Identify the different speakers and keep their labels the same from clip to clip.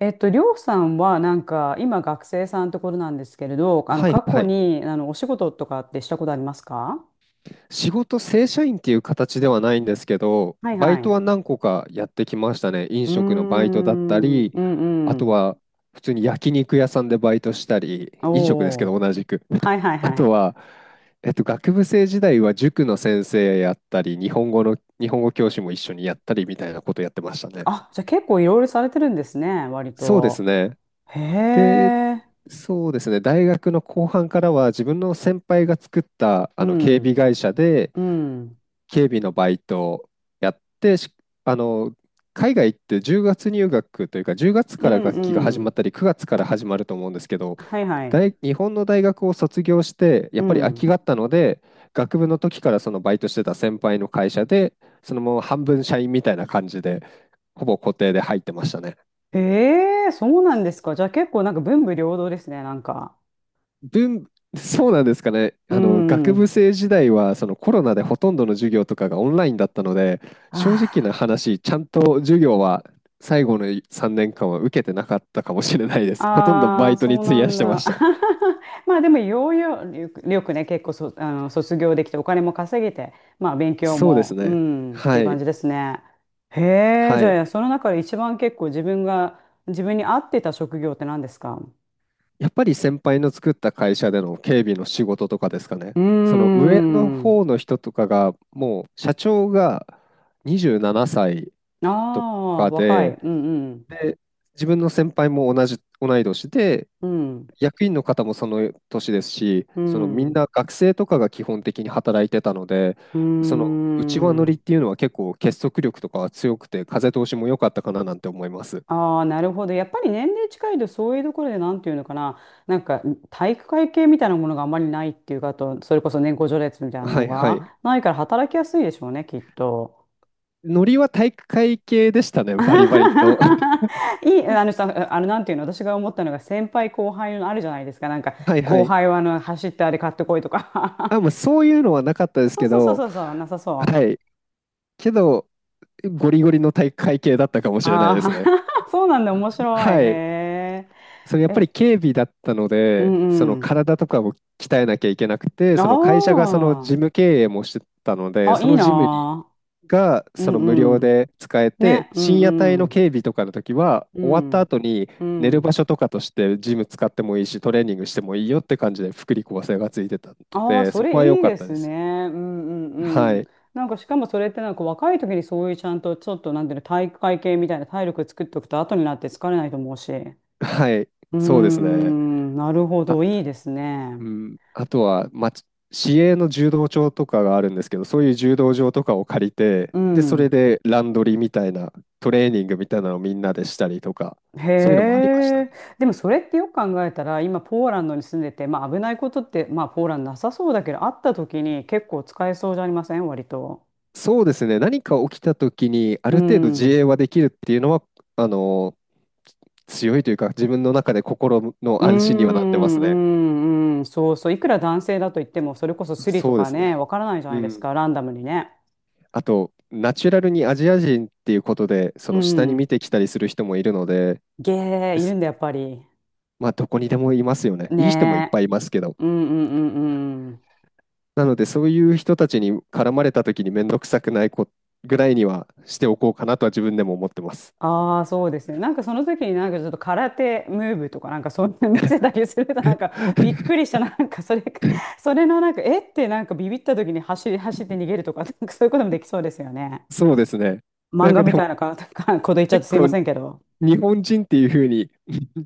Speaker 1: りょうさんはなんか今学生さんところなんですけれど、
Speaker 2: はい
Speaker 1: 過
Speaker 2: は
Speaker 1: 去
Speaker 2: い。
Speaker 1: にお仕事とかってしたことありますか？
Speaker 2: 仕事正社員っていう形ではないんですけど、
Speaker 1: はい
Speaker 2: バ
Speaker 1: は
Speaker 2: イ
Speaker 1: い。
Speaker 2: ト
Speaker 1: う
Speaker 2: は何個かやってきましたね。飲
Speaker 1: ー
Speaker 2: 食のバイトだった
Speaker 1: ん、
Speaker 2: り、
Speaker 1: う
Speaker 2: あ
Speaker 1: んう
Speaker 2: と
Speaker 1: ん。
Speaker 2: は普通に焼肉屋さんでバイトしたり、
Speaker 1: お
Speaker 2: 飲食ですけど
Speaker 1: お。
Speaker 2: 同じく。
Speaker 1: はいはい
Speaker 2: あ
Speaker 1: は
Speaker 2: と
Speaker 1: い。
Speaker 2: は、学部生時代は塾の先生やったり、日本語の、日本語教師も一緒にやったりみたいなことやってましたね。
Speaker 1: あ、じゃあ結構いろいろされてるんですね、割
Speaker 2: そうです
Speaker 1: と。
Speaker 2: ね。
Speaker 1: へ
Speaker 2: で、
Speaker 1: え。
Speaker 2: そうですね。大学の後半からは自分の先輩が作った
Speaker 1: う
Speaker 2: あの警
Speaker 1: ん、
Speaker 2: 備会社で、
Speaker 1: うん、
Speaker 2: 警備のバイトをやってしあの海外って10月入学というか、10月
Speaker 1: う
Speaker 2: から学期が
Speaker 1: ん
Speaker 2: 始
Speaker 1: う
Speaker 2: まっ
Speaker 1: ん。
Speaker 2: たり9月から始まると思うんですけど、
Speaker 1: はいはい。
Speaker 2: 日本の大学を卒業して
Speaker 1: う
Speaker 2: やっぱり空きが
Speaker 1: ん。
Speaker 2: あったので、学部の時からそのバイトしてた先輩の会社でそのまま半分社員みたいな感じでほぼ固定で入ってましたね。
Speaker 1: へえ、そうなんですか。じゃあ結構なんか文武両道ですね、なんか。
Speaker 2: 文、そうなんですかね。
Speaker 1: う
Speaker 2: 学部
Speaker 1: ん。
Speaker 2: 生時代は、そのコロナでほとんどの授業とかがオンラインだったので、
Speaker 1: あ
Speaker 2: 正直な
Speaker 1: あ。
Speaker 2: 話、ちゃんと授業は最後の3年間は受けてなかったかもしれないです。ほとんどバ
Speaker 1: ああ、
Speaker 2: イトに
Speaker 1: そう
Speaker 2: 費
Speaker 1: な
Speaker 2: や
Speaker 1: ん
Speaker 2: してま
Speaker 1: だ。
Speaker 2: した。
Speaker 1: まあでも、よくよくね、結構そ、あの、卒業できて、お金も稼げて、まあ勉強
Speaker 2: そうです
Speaker 1: も、う
Speaker 2: ね。
Speaker 1: ん、ってい
Speaker 2: は
Speaker 1: う感じ
Speaker 2: い。
Speaker 1: ですね。へえ、
Speaker 2: は
Speaker 1: じ
Speaker 2: い。
Speaker 1: ゃあ、その中で一番結構自分が、自分に合ってた職業って何ですか？
Speaker 2: やっぱり先輩の作った会社での警備の仕事とかですかね。
Speaker 1: うー
Speaker 2: その上の
Speaker 1: ん。
Speaker 2: 方の人とかが、もう社長が27歳
Speaker 1: あ
Speaker 2: と
Speaker 1: あ、
Speaker 2: か
Speaker 1: 若い。
Speaker 2: で、
Speaker 1: うんうん。
Speaker 2: で自分の先輩も同い年で、
Speaker 1: うん。
Speaker 2: 役員の方もその年ですし、
Speaker 1: う
Speaker 2: そのみん
Speaker 1: ん。
Speaker 2: な学生とかが基本的に働いてたので、
Speaker 1: うー
Speaker 2: その内輪乗りっ
Speaker 1: ん。
Speaker 2: ていうのは結構結束力とかは強くて、風通しも良かったかななんて思います。
Speaker 1: ああ、なるほど。やっぱり年齢近いと、そういうところで、なんていうのかな、なんか体育会系みたいなものがあまりないっていうか、あと、それこそ年功序列みたいな
Speaker 2: は
Speaker 1: の
Speaker 2: いはい。
Speaker 1: がないから働きやすいでしょうね、きっと。
Speaker 2: ノリは体育会系でしたね、
Speaker 1: あは
Speaker 2: バリバリの。
Speaker 1: は はいい、あのさ、なんていうの、私が思ったのが、先輩後輩のあるじゃないですか、なんか、
Speaker 2: はいは
Speaker 1: 後
Speaker 2: い。
Speaker 1: 輩は走ってあれ買ってこいと
Speaker 2: あ、
Speaker 1: か。
Speaker 2: もうそういうのはなかったで す
Speaker 1: そう
Speaker 2: け
Speaker 1: そうそう
Speaker 2: ど、
Speaker 1: そうそう、なさ
Speaker 2: は
Speaker 1: そ
Speaker 2: い。けど、ゴリゴリの体育会系だったかも
Speaker 1: う。
Speaker 2: しれないで
Speaker 1: あ
Speaker 2: すね。
Speaker 1: あ、そうなんだ、面白い。へ
Speaker 2: はい。
Speaker 1: え。
Speaker 2: それやっぱ
Speaker 1: え、
Speaker 2: り警備だったの
Speaker 1: う
Speaker 2: で、そ
Speaker 1: んう
Speaker 2: の
Speaker 1: ん。
Speaker 2: 体とかを鍛えなきゃいけなくて、そ
Speaker 1: あ
Speaker 2: の会社がその事務経営もしてたの
Speaker 1: あ、
Speaker 2: で、
Speaker 1: あ、
Speaker 2: そ
Speaker 1: いい
Speaker 2: の
Speaker 1: な
Speaker 2: ジム
Speaker 1: あ。
Speaker 2: が
Speaker 1: う
Speaker 2: その無
Speaker 1: ん
Speaker 2: 料
Speaker 1: うん。
Speaker 2: で使え
Speaker 1: ね、
Speaker 2: て、
Speaker 1: うん
Speaker 2: 深夜帯
Speaker 1: う
Speaker 2: の
Speaker 1: ん。
Speaker 2: 警備とかの時は、
Speaker 1: う
Speaker 2: 終わった
Speaker 1: ん、
Speaker 2: 後に
Speaker 1: う
Speaker 2: 寝る
Speaker 1: ん。
Speaker 2: 場所とかとしてジム使ってもいいし、トレーニングしてもいいよって感じで福利厚生がついてたの
Speaker 1: ああ、
Speaker 2: で、
Speaker 1: そ
Speaker 2: そこ
Speaker 1: れ
Speaker 2: は良
Speaker 1: いい
Speaker 2: かっ
Speaker 1: で
Speaker 2: たで
Speaker 1: す
Speaker 2: す。
Speaker 1: ね。うんう
Speaker 2: は
Speaker 1: んうん。
Speaker 2: い。
Speaker 1: なんかしかもそれってなんか若い時にそういうちゃんとちょっとなんていうの体育会系みたいな体力作っておくと後になって疲れないと思うし。う
Speaker 2: はい。
Speaker 1: ー
Speaker 2: そうですね。
Speaker 1: ん、なるほど、いいですね。
Speaker 2: うん、あとは、まあ、市営の柔道場とかがあるんですけど、そういう柔道場とかを借りて、
Speaker 1: う
Speaker 2: で、それ
Speaker 1: ん。
Speaker 2: でランドリーみたいな、トレーニングみたいなのをみんなでしたりとか、
Speaker 1: へ
Speaker 2: そういうのもありましたね。
Speaker 1: え。でもそれってよく考えたら今ポーランドに住んでて、まあ危ないことってまあポーランドなさそうだけどあった時に結構使えそうじゃありません割と？
Speaker 2: そうですね、何か起きた時に、あ
Speaker 1: う
Speaker 2: る程度自
Speaker 1: ん。
Speaker 2: 衛はできるっていうのは、あの、強いというか、自分の中で心の
Speaker 1: うー
Speaker 2: 安心にはなってます
Speaker 1: ん、う
Speaker 2: ね。
Speaker 1: ん、うん、そうそう、いくら男性だと言っても、それこそスリと
Speaker 2: そうで
Speaker 1: か
Speaker 2: す
Speaker 1: ね、
Speaker 2: ね。
Speaker 1: わからないじゃな
Speaker 2: う
Speaker 1: いです
Speaker 2: ん。
Speaker 1: か、ランダムにね。
Speaker 2: あと、ナチュラルにアジア人っていうことで、そ
Speaker 1: う
Speaker 2: の下に見
Speaker 1: ん。
Speaker 2: てきたりする人もいるので、
Speaker 1: ゲー、
Speaker 2: で
Speaker 1: いるんだ、やっぱり。
Speaker 2: まあ、どこにでもいますよね。いい人もいっ
Speaker 1: ねえ。
Speaker 2: ぱいいますけど。
Speaker 1: うんうんうんうん。
Speaker 2: なので、そういう人たちに絡まれた時に面倒くさくないぐらいにはしておこうかなとは自分でも思ってます。
Speaker 1: ああ、そうですね。なんかその時になんかちょっと空手ムーブとかなんかそんな見せたりするとなんかびっく りした、なんかそれ、それのなんか、えってなんかビビった時に走って逃げるとか、なんかそういうこともできそうですよね。
Speaker 2: そうですね。
Speaker 1: 漫
Speaker 2: なん
Speaker 1: 画
Speaker 2: か
Speaker 1: み
Speaker 2: で
Speaker 1: たい
Speaker 2: も、
Speaker 1: なか、かこと言っちゃって
Speaker 2: 結
Speaker 1: すいま
Speaker 2: 構、
Speaker 1: せんけど。
Speaker 2: 日本人っていうふうに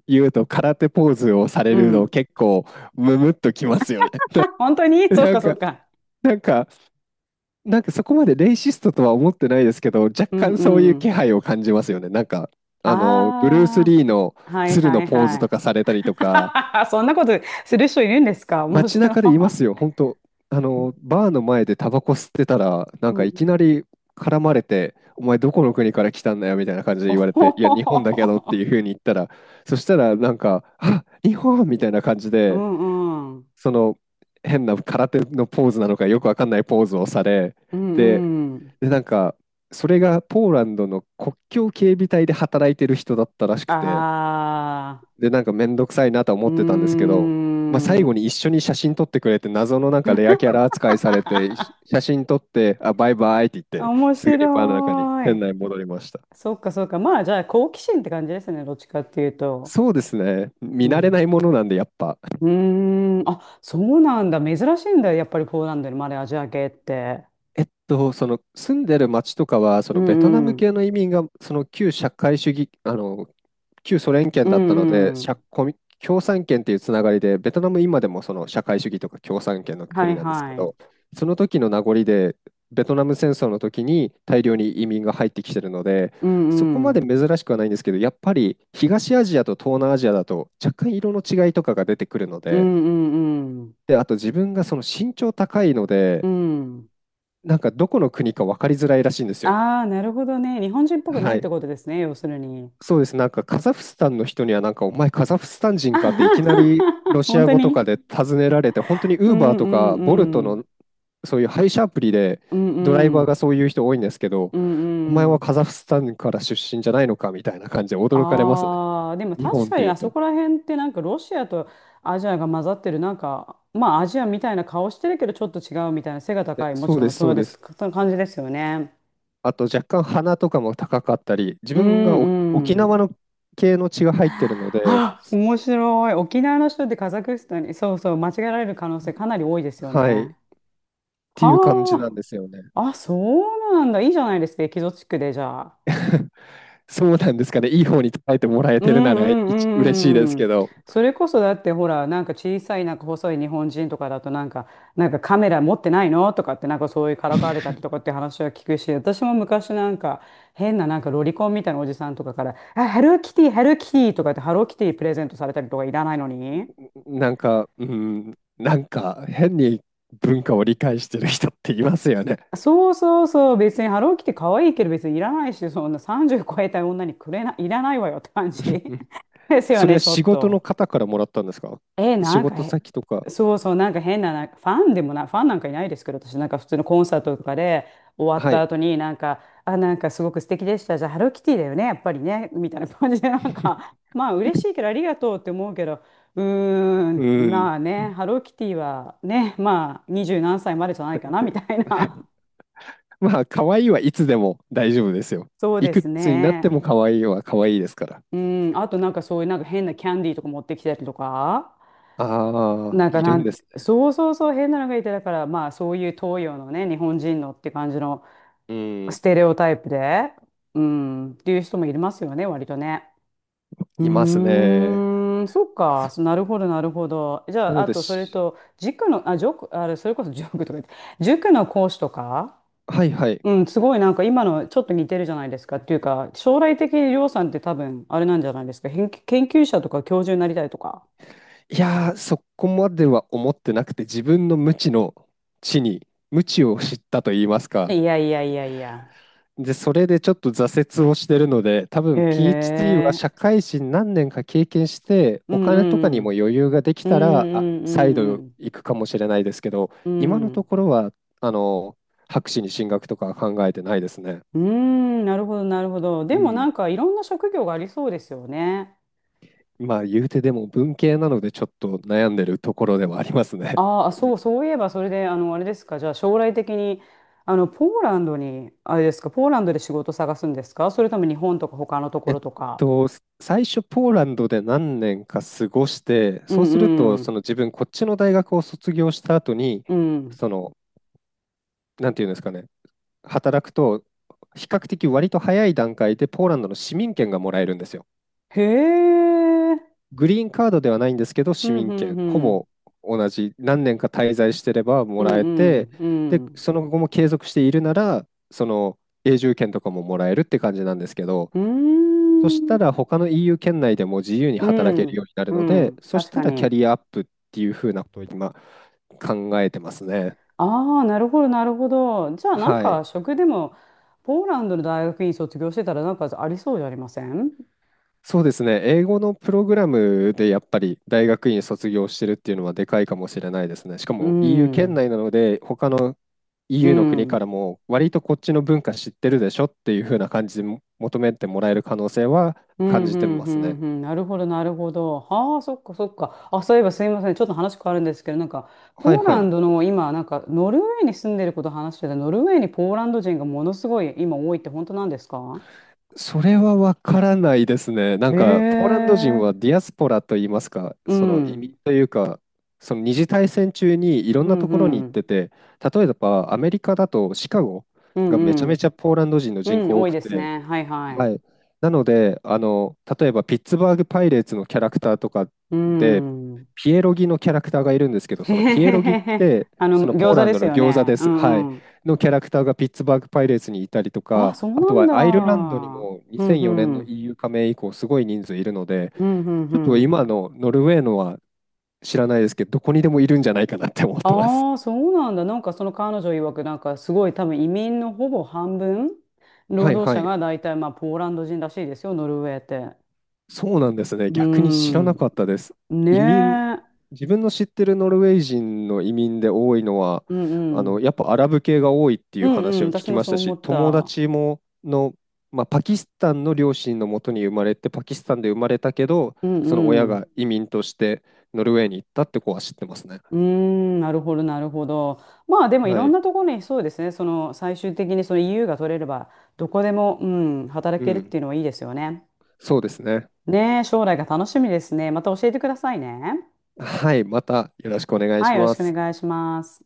Speaker 2: 言うと空手ポーズをされ
Speaker 1: う
Speaker 2: るの
Speaker 1: ん。
Speaker 2: 結構ムムっときますよね。
Speaker 1: 本当 に そう
Speaker 2: な
Speaker 1: か
Speaker 2: ん
Speaker 1: そう
Speaker 2: か、
Speaker 1: か。
Speaker 2: なんか、そこまでレイシストとは思ってないですけど、若
Speaker 1: うん
Speaker 2: 干そうい
Speaker 1: う
Speaker 2: う気
Speaker 1: ん。
Speaker 2: 配を感じますよね。ブルース・
Speaker 1: あ
Speaker 2: リーの
Speaker 1: あ、はい
Speaker 2: 鶴の
Speaker 1: はい
Speaker 2: ポーズと
Speaker 1: は
Speaker 2: かされたりとか、
Speaker 1: い。そんなことする人いるんですか？面
Speaker 2: 街
Speaker 1: 白い。
Speaker 2: 中でいますよ、本当、バーの前でタバコ吸ってたら、なん
Speaker 1: う
Speaker 2: か
Speaker 1: ん。
Speaker 2: いきなり絡まれて、お前どこの国から来たんだよみたいな感じで
Speaker 1: お
Speaker 2: 言われ
Speaker 1: ほ
Speaker 2: て、いや、
Speaker 1: ほ
Speaker 2: 日本だけ
Speaker 1: ほ
Speaker 2: どっていう
Speaker 1: ほ
Speaker 2: ふうに言ったら、そしたら、あ、日本みたいな感じ
Speaker 1: う
Speaker 2: で、
Speaker 1: んうん。
Speaker 2: その変な空手のポーズなのか、よくわかんないポーズをされ、
Speaker 1: う
Speaker 2: で、
Speaker 1: んうん。
Speaker 2: で、それがポーランドの国境警備隊で働いてる人だったらしくて、
Speaker 1: ああ、
Speaker 2: で、めんどくさいなとは思
Speaker 1: うー
Speaker 2: ってたんですけど、まあ、最後
Speaker 1: ん。
Speaker 2: に一緒に写真撮ってくれて、謎のなんかレアキャラ扱いされて、写真撮って、あ、バイバイって言って、
Speaker 1: 面
Speaker 2: すぐにバーの中に
Speaker 1: 白
Speaker 2: 店
Speaker 1: い。
Speaker 2: 内に戻りました。
Speaker 1: そっかそっか。まあじゃあ好奇心って感じですね。どっちかっていうと。
Speaker 2: そうですね。
Speaker 1: う
Speaker 2: 見慣れな
Speaker 1: ん。
Speaker 2: いものなんで、やっぱ。
Speaker 1: うーん。あ、そうなんだ。珍しいんだ。やっぱりポーランドにまでアジア系って。
Speaker 2: その住んでる町とかは、そ
Speaker 1: う
Speaker 2: のベトナ
Speaker 1: んう
Speaker 2: ム
Speaker 1: ん。
Speaker 2: 系の移民が、その旧社会主義、旧ソ連圏
Speaker 1: う
Speaker 2: だったので、
Speaker 1: んう
Speaker 2: 社
Speaker 1: ん。
Speaker 2: コミ共産圏っていうつながりで、ベトナム今でもその社会主義とか共産圏の
Speaker 1: は
Speaker 2: 国
Speaker 1: い
Speaker 2: なんですけ
Speaker 1: はい。
Speaker 2: ど、その時の名残で、ベトナム戦争の時に大量に移民が入ってきてるので、
Speaker 1: う
Speaker 2: そこ
Speaker 1: んう
Speaker 2: まで
Speaker 1: ん。
Speaker 2: 珍しくはないんですけど、やっぱり東アジアと東南アジアだと若干色の違いとかが出てくるの
Speaker 1: う
Speaker 2: で、
Speaker 1: んうんうん。
Speaker 2: で、あと自分がその身長高いの
Speaker 1: う
Speaker 2: で、
Speaker 1: ん。
Speaker 2: なんかどこの国か分かりづらいらしいんですよ。
Speaker 1: ああ、なるほどね。日本人っぽくない
Speaker 2: は
Speaker 1: って
Speaker 2: い。
Speaker 1: ことですね、要するに。
Speaker 2: そうです。なんかカザフスタンの人にはなんかお前カザフスタン
Speaker 1: あ
Speaker 2: 人かってい
Speaker 1: は
Speaker 2: きな
Speaker 1: は
Speaker 2: りロ
Speaker 1: は
Speaker 2: シ
Speaker 1: 本
Speaker 2: ア
Speaker 1: 当
Speaker 2: 語と
Speaker 1: に
Speaker 2: かで尋ねられて、本当に
Speaker 1: う
Speaker 2: ウーバー
Speaker 1: ん
Speaker 2: と
Speaker 1: うん
Speaker 2: か
Speaker 1: う
Speaker 2: ボルト
Speaker 1: ん。
Speaker 2: のそういう配車アプリで
Speaker 1: うん
Speaker 2: ドライ
Speaker 1: う
Speaker 2: バーが
Speaker 1: ん。
Speaker 2: そういう人多いんですけど、
Speaker 1: う
Speaker 2: お前
Speaker 1: んう
Speaker 2: は
Speaker 1: ん。
Speaker 2: カザフスタンから出身じゃないのかみたいな感じで驚かれますね。
Speaker 1: ああ、でも
Speaker 2: 日
Speaker 1: 確
Speaker 2: 本っ
Speaker 1: か
Speaker 2: て
Speaker 1: に
Speaker 2: い
Speaker 1: あ
Speaker 2: うと。
Speaker 1: そこら辺ってなんかロシアとアジアが混ざってる、なんか、まあアジアみたいな顔してるけどちょっと違うみたいな背が高い、も
Speaker 2: そ
Speaker 1: ち
Speaker 2: う
Speaker 1: ろ
Speaker 2: で
Speaker 1: ん
Speaker 2: す、
Speaker 1: そ
Speaker 2: そ
Speaker 1: う
Speaker 2: う
Speaker 1: で
Speaker 2: で
Speaker 1: す。
Speaker 2: す。
Speaker 1: その感じですよね。
Speaker 2: あと若干鼻とかも高かったり、自
Speaker 1: う
Speaker 2: 分が沖
Speaker 1: んうん。
Speaker 2: 縄の系の血が入ってるので、
Speaker 1: あ、面白い。沖縄の人ってカザフスタンに、そうそう、間違えられる可能性かなり多いですよ
Speaker 2: はい
Speaker 1: ね。
Speaker 2: っていう感じなん
Speaker 1: は
Speaker 2: ですよね。
Speaker 1: あ、あ、そうなんだ。いいじゃないですか、エキゾチックで、じゃあ。
Speaker 2: そうなんですかね。いい方に捉えてもらえ
Speaker 1: うん
Speaker 2: てるな
Speaker 1: う
Speaker 2: ら
Speaker 1: んう
Speaker 2: 嬉しいです
Speaker 1: んう
Speaker 2: け
Speaker 1: ん。
Speaker 2: ど、
Speaker 1: それこそだってほら、なんか小さい、なんか細い日本人とかだと、なんか、なんかカメラ持ってないのとかって、なんかそういうからかわれたりとかって話は聞くし、私も昔なんか、変ななんかロリコンみたいなおじさんとかから、あ、ハローキティ、ハローキティとかって、ハローキティプレゼントされたりとかいらないのに。
Speaker 2: うん、変に文化を理解してる人っていますよね。
Speaker 1: そうそうそう、別にハローキティ可愛いけど別にいらないし、そんな30超えた女にくれな、いらないわよって感じ ですよ
Speaker 2: それ
Speaker 1: ね、
Speaker 2: は
Speaker 1: ちょ
Speaker 2: 仕
Speaker 1: っ
Speaker 2: 事の
Speaker 1: と。
Speaker 2: 方からもらったんですか？
Speaker 1: え、
Speaker 2: 仕
Speaker 1: なんか
Speaker 2: 事
Speaker 1: へ、
Speaker 2: 先とか。
Speaker 1: そうそう、なんか変な、なんかファンでもな、ファンなんかいないですけど、私なんか普通のコンサートとかで終わっ
Speaker 2: は
Speaker 1: た
Speaker 2: い。
Speaker 1: 後になんか、あ、なんかすごく素敵でした。じゃあハローキティだよね、やっぱりね、みたいな感じで、なん か、まあ嬉しいけどありがとうって思うけど、うー
Speaker 2: う
Speaker 1: ん、
Speaker 2: ーんっ
Speaker 1: まあね、ハローキティはね、まあ二十何歳までじゃないかな、みた
Speaker 2: て。
Speaker 1: いな。
Speaker 2: まあ、可愛いはいつでも大丈夫ですよ。
Speaker 1: そう
Speaker 2: い
Speaker 1: で
Speaker 2: く
Speaker 1: す
Speaker 2: つになって
Speaker 1: ね。
Speaker 2: も可愛いは可愛いですから。
Speaker 1: うん、あとなんかそういうなんか変なキャンディーとか持ってきたりとか、
Speaker 2: ああ、
Speaker 1: なんか
Speaker 2: いる
Speaker 1: な
Speaker 2: ん
Speaker 1: ん、
Speaker 2: ですね。
Speaker 1: そうそうそう変なのがいて、だからまあそういう東洋のね、日本人のって感じの
Speaker 2: う
Speaker 1: ス
Speaker 2: ん、
Speaker 1: テレオタイプで、うん、っていう人もいますよね、割とね。う
Speaker 2: いますね。
Speaker 1: ーん、そっか、そなるほど、なるほど。じ
Speaker 2: な
Speaker 1: ゃあ、
Speaker 2: の
Speaker 1: あ
Speaker 2: で
Speaker 1: とそれ
Speaker 2: し、
Speaker 1: と、塾の、あ、塾、あれ、それこそ塾とか言って、塾の講師とか。
Speaker 2: はいはい。
Speaker 1: うん、すごいなんか今のちょっと似てるじゃないですかっていうか、将来的にりょうさんって多分あれなんじゃないですか。研究者とか教授になりたいとか。
Speaker 2: いやー、そこまでは思ってなくて、自分の無知の知に、無知を知ったと言いますか。
Speaker 1: いやいやいやいや。
Speaker 2: で、それでちょっと挫折をしてるので、多
Speaker 1: へ
Speaker 2: 分 PhD は
Speaker 1: え。
Speaker 2: 社会人何年か経験して、
Speaker 1: う
Speaker 2: お
Speaker 1: ん
Speaker 2: 金とか
Speaker 1: う
Speaker 2: にも
Speaker 1: ん。
Speaker 2: 余裕ができ
Speaker 1: うん
Speaker 2: たら、あ、
Speaker 1: う
Speaker 2: 再
Speaker 1: んう
Speaker 2: 度
Speaker 1: ん
Speaker 2: 行くかもしれないですけど、
Speaker 1: う
Speaker 2: 今の
Speaker 1: ん。う
Speaker 2: と
Speaker 1: ん。
Speaker 2: ころは、あの、博士に進学とかは考えてないですね。
Speaker 1: うん、なるほどなるほど。
Speaker 2: う
Speaker 1: でもな
Speaker 2: ん。
Speaker 1: んかいろんな職業がありそうですよね。
Speaker 2: まあ、言うてでも文系なので、ちょっと悩んでるところではありますね。
Speaker 1: ああ、そ う、そういえばそれで、あの、あれですか。じゃあ将来的に、あの、ポーランドに、あれですか、ポーランドで仕事探すんですか？それとも日本とか他のとこ
Speaker 2: えっ
Speaker 1: ろとか？
Speaker 2: 最初ポーランドで何年か過ごして、
Speaker 1: う
Speaker 2: そうすると、
Speaker 1: んうん。
Speaker 2: その自分、こっちの大学を卒業した後に、
Speaker 1: うん。
Speaker 2: その、なんていうんですかね、働くと、比較的割と早い段階でポーランドの市民権がもらえるんですよ。
Speaker 1: へえ。
Speaker 2: グリーンカードではないんですけど、
Speaker 1: う
Speaker 2: 市
Speaker 1: ん、う
Speaker 2: 民
Speaker 1: ん、
Speaker 2: 権、
Speaker 1: う
Speaker 2: ほ
Speaker 1: ん。
Speaker 2: ぼ同じ、何年か滞在してれば
Speaker 1: う
Speaker 2: もらえて、
Speaker 1: ん、う
Speaker 2: で、
Speaker 1: ん、
Speaker 2: その後も継続しているなら、その永住権とかももらえるって感じなんですけど、
Speaker 1: う
Speaker 2: そ
Speaker 1: ん。
Speaker 2: し
Speaker 1: う
Speaker 2: た
Speaker 1: ーん。
Speaker 2: ら他の EU 圏内でも自由に
Speaker 1: う
Speaker 2: 働けるよう
Speaker 1: ん。
Speaker 2: になる
Speaker 1: う
Speaker 2: ので、
Speaker 1: ん。
Speaker 2: そし
Speaker 1: 確
Speaker 2: た
Speaker 1: か
Speaker 2: らキャ
Speaker 1: に。
Speaker 2: リアアップっていうふうなことを今考えてますね。
Speaker 1: ああ、なるほど、なるほど。じゃあ、なん
Speaker 2: はい。
Speaker 1: か、食でも、ポーランドの大学院卒業してたら、なんかありそうじゃありません
Speaker 2: そうですね。英語のプログラムでやっぱり大学院卒業してるっていうのはでかいかもしれないですね。しか
Speaker 1: う
Speaker 2: も EU 圏
Speaker 1: ん。
Speaker 2: 内なので、他の
Speaker 1: う
Speaker 2: EU の国か
Speaker 1: ん。
Speaker 2: らも割とこっちの文化知ってるでしょっていうふうな感じで求めてもらえる可能性は
Speaker 1: うん、
Speaker 2: 感
Speaker 1: う
Speaker 2: じて
Speaker 1: ん、
Speaker 2: ま
Speaker 1: う
Speaker 2: す
Speaker 1: ん、
Speaker 2: ね。
Speaker 1: うん。なるほど、なるほど。はあ、そっか、そっか。あ、そういえばすいません。ちょっと話変わるんですけど、なんか、
Speaker 2: はい
Speaker 1: ポー
Speaker 2: は
Speaker 1: ラ
Speaker 2: い。
Speaker 1: ンドの今、なんか、ノルウェーに住んでること話してた、ノルウェーにポーランド人がものすごい今多いって本当なんですか？
Speaker 2: それはわからないですね。な
Speaker 1: へ
Speaker 2: んか、ポーランド人
Speaker 1: え。
Speaker 2: はディアスポラといいますか、
Speaker 1: うん、
Speaker 2: その
Speaker 1: う
Speaker 2: 移
Speaker 1: ん、
Speaker 2: 民というか、その二次大戦中にいろん
Speaker 1: う
Speaker 2: な
Speaker 1: ん、
Speaker 2: ところに
Speaker 1: う
Speaker 2: 行って
Speaker 1: ん、
Speaker 2: て、例えばアメリカだとシカゴ
Speaker 1: う
Speaker 2: がめちゃめち
Speaker 1: ん、
Speaker 2: ゃポーランド人の
Speaker 1: う
Speaker 2: 人
Speaker 1: ん
Speaker 2: 口多
Speaker 1: 多い
Speaker 2: く
Speaker 1: です
Speaker 2: て、
Speaker 1: ね。はい、は
Speaker 2: は
Speaker 1: い。
Speaker 2: い。なので、例えばピッツバーグ・パイレーツのキャラクターとか
Speaker 1: う
Speaker 2: で、
Speaker 1: ん。
Speaker 2: ピエロギのキャラクターがいるんですけ ど、
Speaker 1: へ
Speaker 2: その
Speaker 1: へ
Speaker 2: ピエ
Speaker 1: へ
Speaker 2: ロギっ
Speaker 1: へへ。
Speaker 2: て、
Speaker 1: あ
Speaker 2: そ
Speaker 1: の、
Speaker 2: のポー
Speaker 1: 餃子
Speaker 2: ラン
Speaker 1: で
Speaker 2: ド
Speaker 1: す
Speaker 2: の
Speaker 1: よ
Speaker 2: 餃子
Speaker 1: ね。
Speaker 2: で
Speaker 1: う
Speaker 2: す。はい。
Speaker 1: ん、うん。
Speaker 2: のキャラクターがピッツバーグ・パイレーツにいたりと
Speaker 1: あ、
Speaker 2: か、
Speaker 1: そ
Speaker 2: あと
Speaker 1: うな
Speaker 2: はアイルラ
Speaker 1: ん
Speaker 2: ンドにも
Speaker 1: だ。うん、
Speaker 2: 2004年
Speaker 1: う
Speaker 2: の
Speaker 1: ん、
Speaker 2: EU 加盟以降、すごい人数いるので、
Speaker 1: うん、うん、
Speaker 2: ち
Speaker 1: う
Speaker 2: ょっと
Speaker 1: ん。
Speaker 2: 今のノルウェーのは知らないですけど、どこにでもいるんじゃないかなって思ってます。
Speaker 1: ああ、そうなんだ。なんかその彼女曰く、なんかすごい多分移民のほぼ半分、労
Speaker 2: はい
Speaker 1: 働
Speaker 2: は
Speaker 1: 者
Speaker 2: い。
Speaker 1: が大体まあポーランド人らしいですよ、ノルウェーって。
Speaker 2: そうなんですね。
Speaker 1: うー
Speaker 2: 逆に知ら
Speaker 1: ん。
Speaker 2: なかったです。
Speaker 1: ね
Speaker 2: 移民、
Speaker 1: え。
Speaker 2: 自分の知ってるノルウェー人の移民で多いのは、
Speaker 1: うんう
Speaker 2: や
Speaker 1: ん。
Speaker 2: っぱアラブ系が多いってい
Speaker 1: う
Speaker 2: う
Speaker 1: ん
Speaker 2: 話
Speaker 1: う
Speaker 2: を
Speaker 1: ん。
Speaker 2: 聞
Speaker 1: 私
Speaker 2: き
Speaker 1: も
Speaker 2: まし
Speaker 1: そう
Speaker 2: た
Speaker 1: 思
Speaker 2: し、
Speaker 1: っ
Speaker 2: 友
Speaker 1: た。
Speaker 2: 達もまあ、パキスタンの両親のもとに生まれて、パキスタンで生まれたけど、
Speaker 1: う
Speaker 2: その
Speaker 1: んう
Speaker 2: 親
Speaker 1: ん。
Speaker 2: が移民としてノルウェーに行ったって子は知ってますね。
Speaker 1: うーん、なるほど、なるほど。まあでもい
Speaker 2: は
Speaker 1: ろん
Speaker 2: い。
Speaker 1: なところにそうですね、その最終的にその EU が取れれば、どこでも、うん、働
Speaker 2: う
Speaker 1: けるって
Speaker 2: ん。
Speaker 1: いうのはいいですよね。
Speaker 2: そうですね。
Speaker 1: ねえ、将来が楽しみですね。また教えてくださいね。
Speaker 2: はい。またよろしくお願い
Speaker 1: は
Speaker 2: し
Speaker 1: い、よろ
Speaker 2: ま
Speaker 1: しくお
Speaker 2: す。
Speaker 1: 願いします。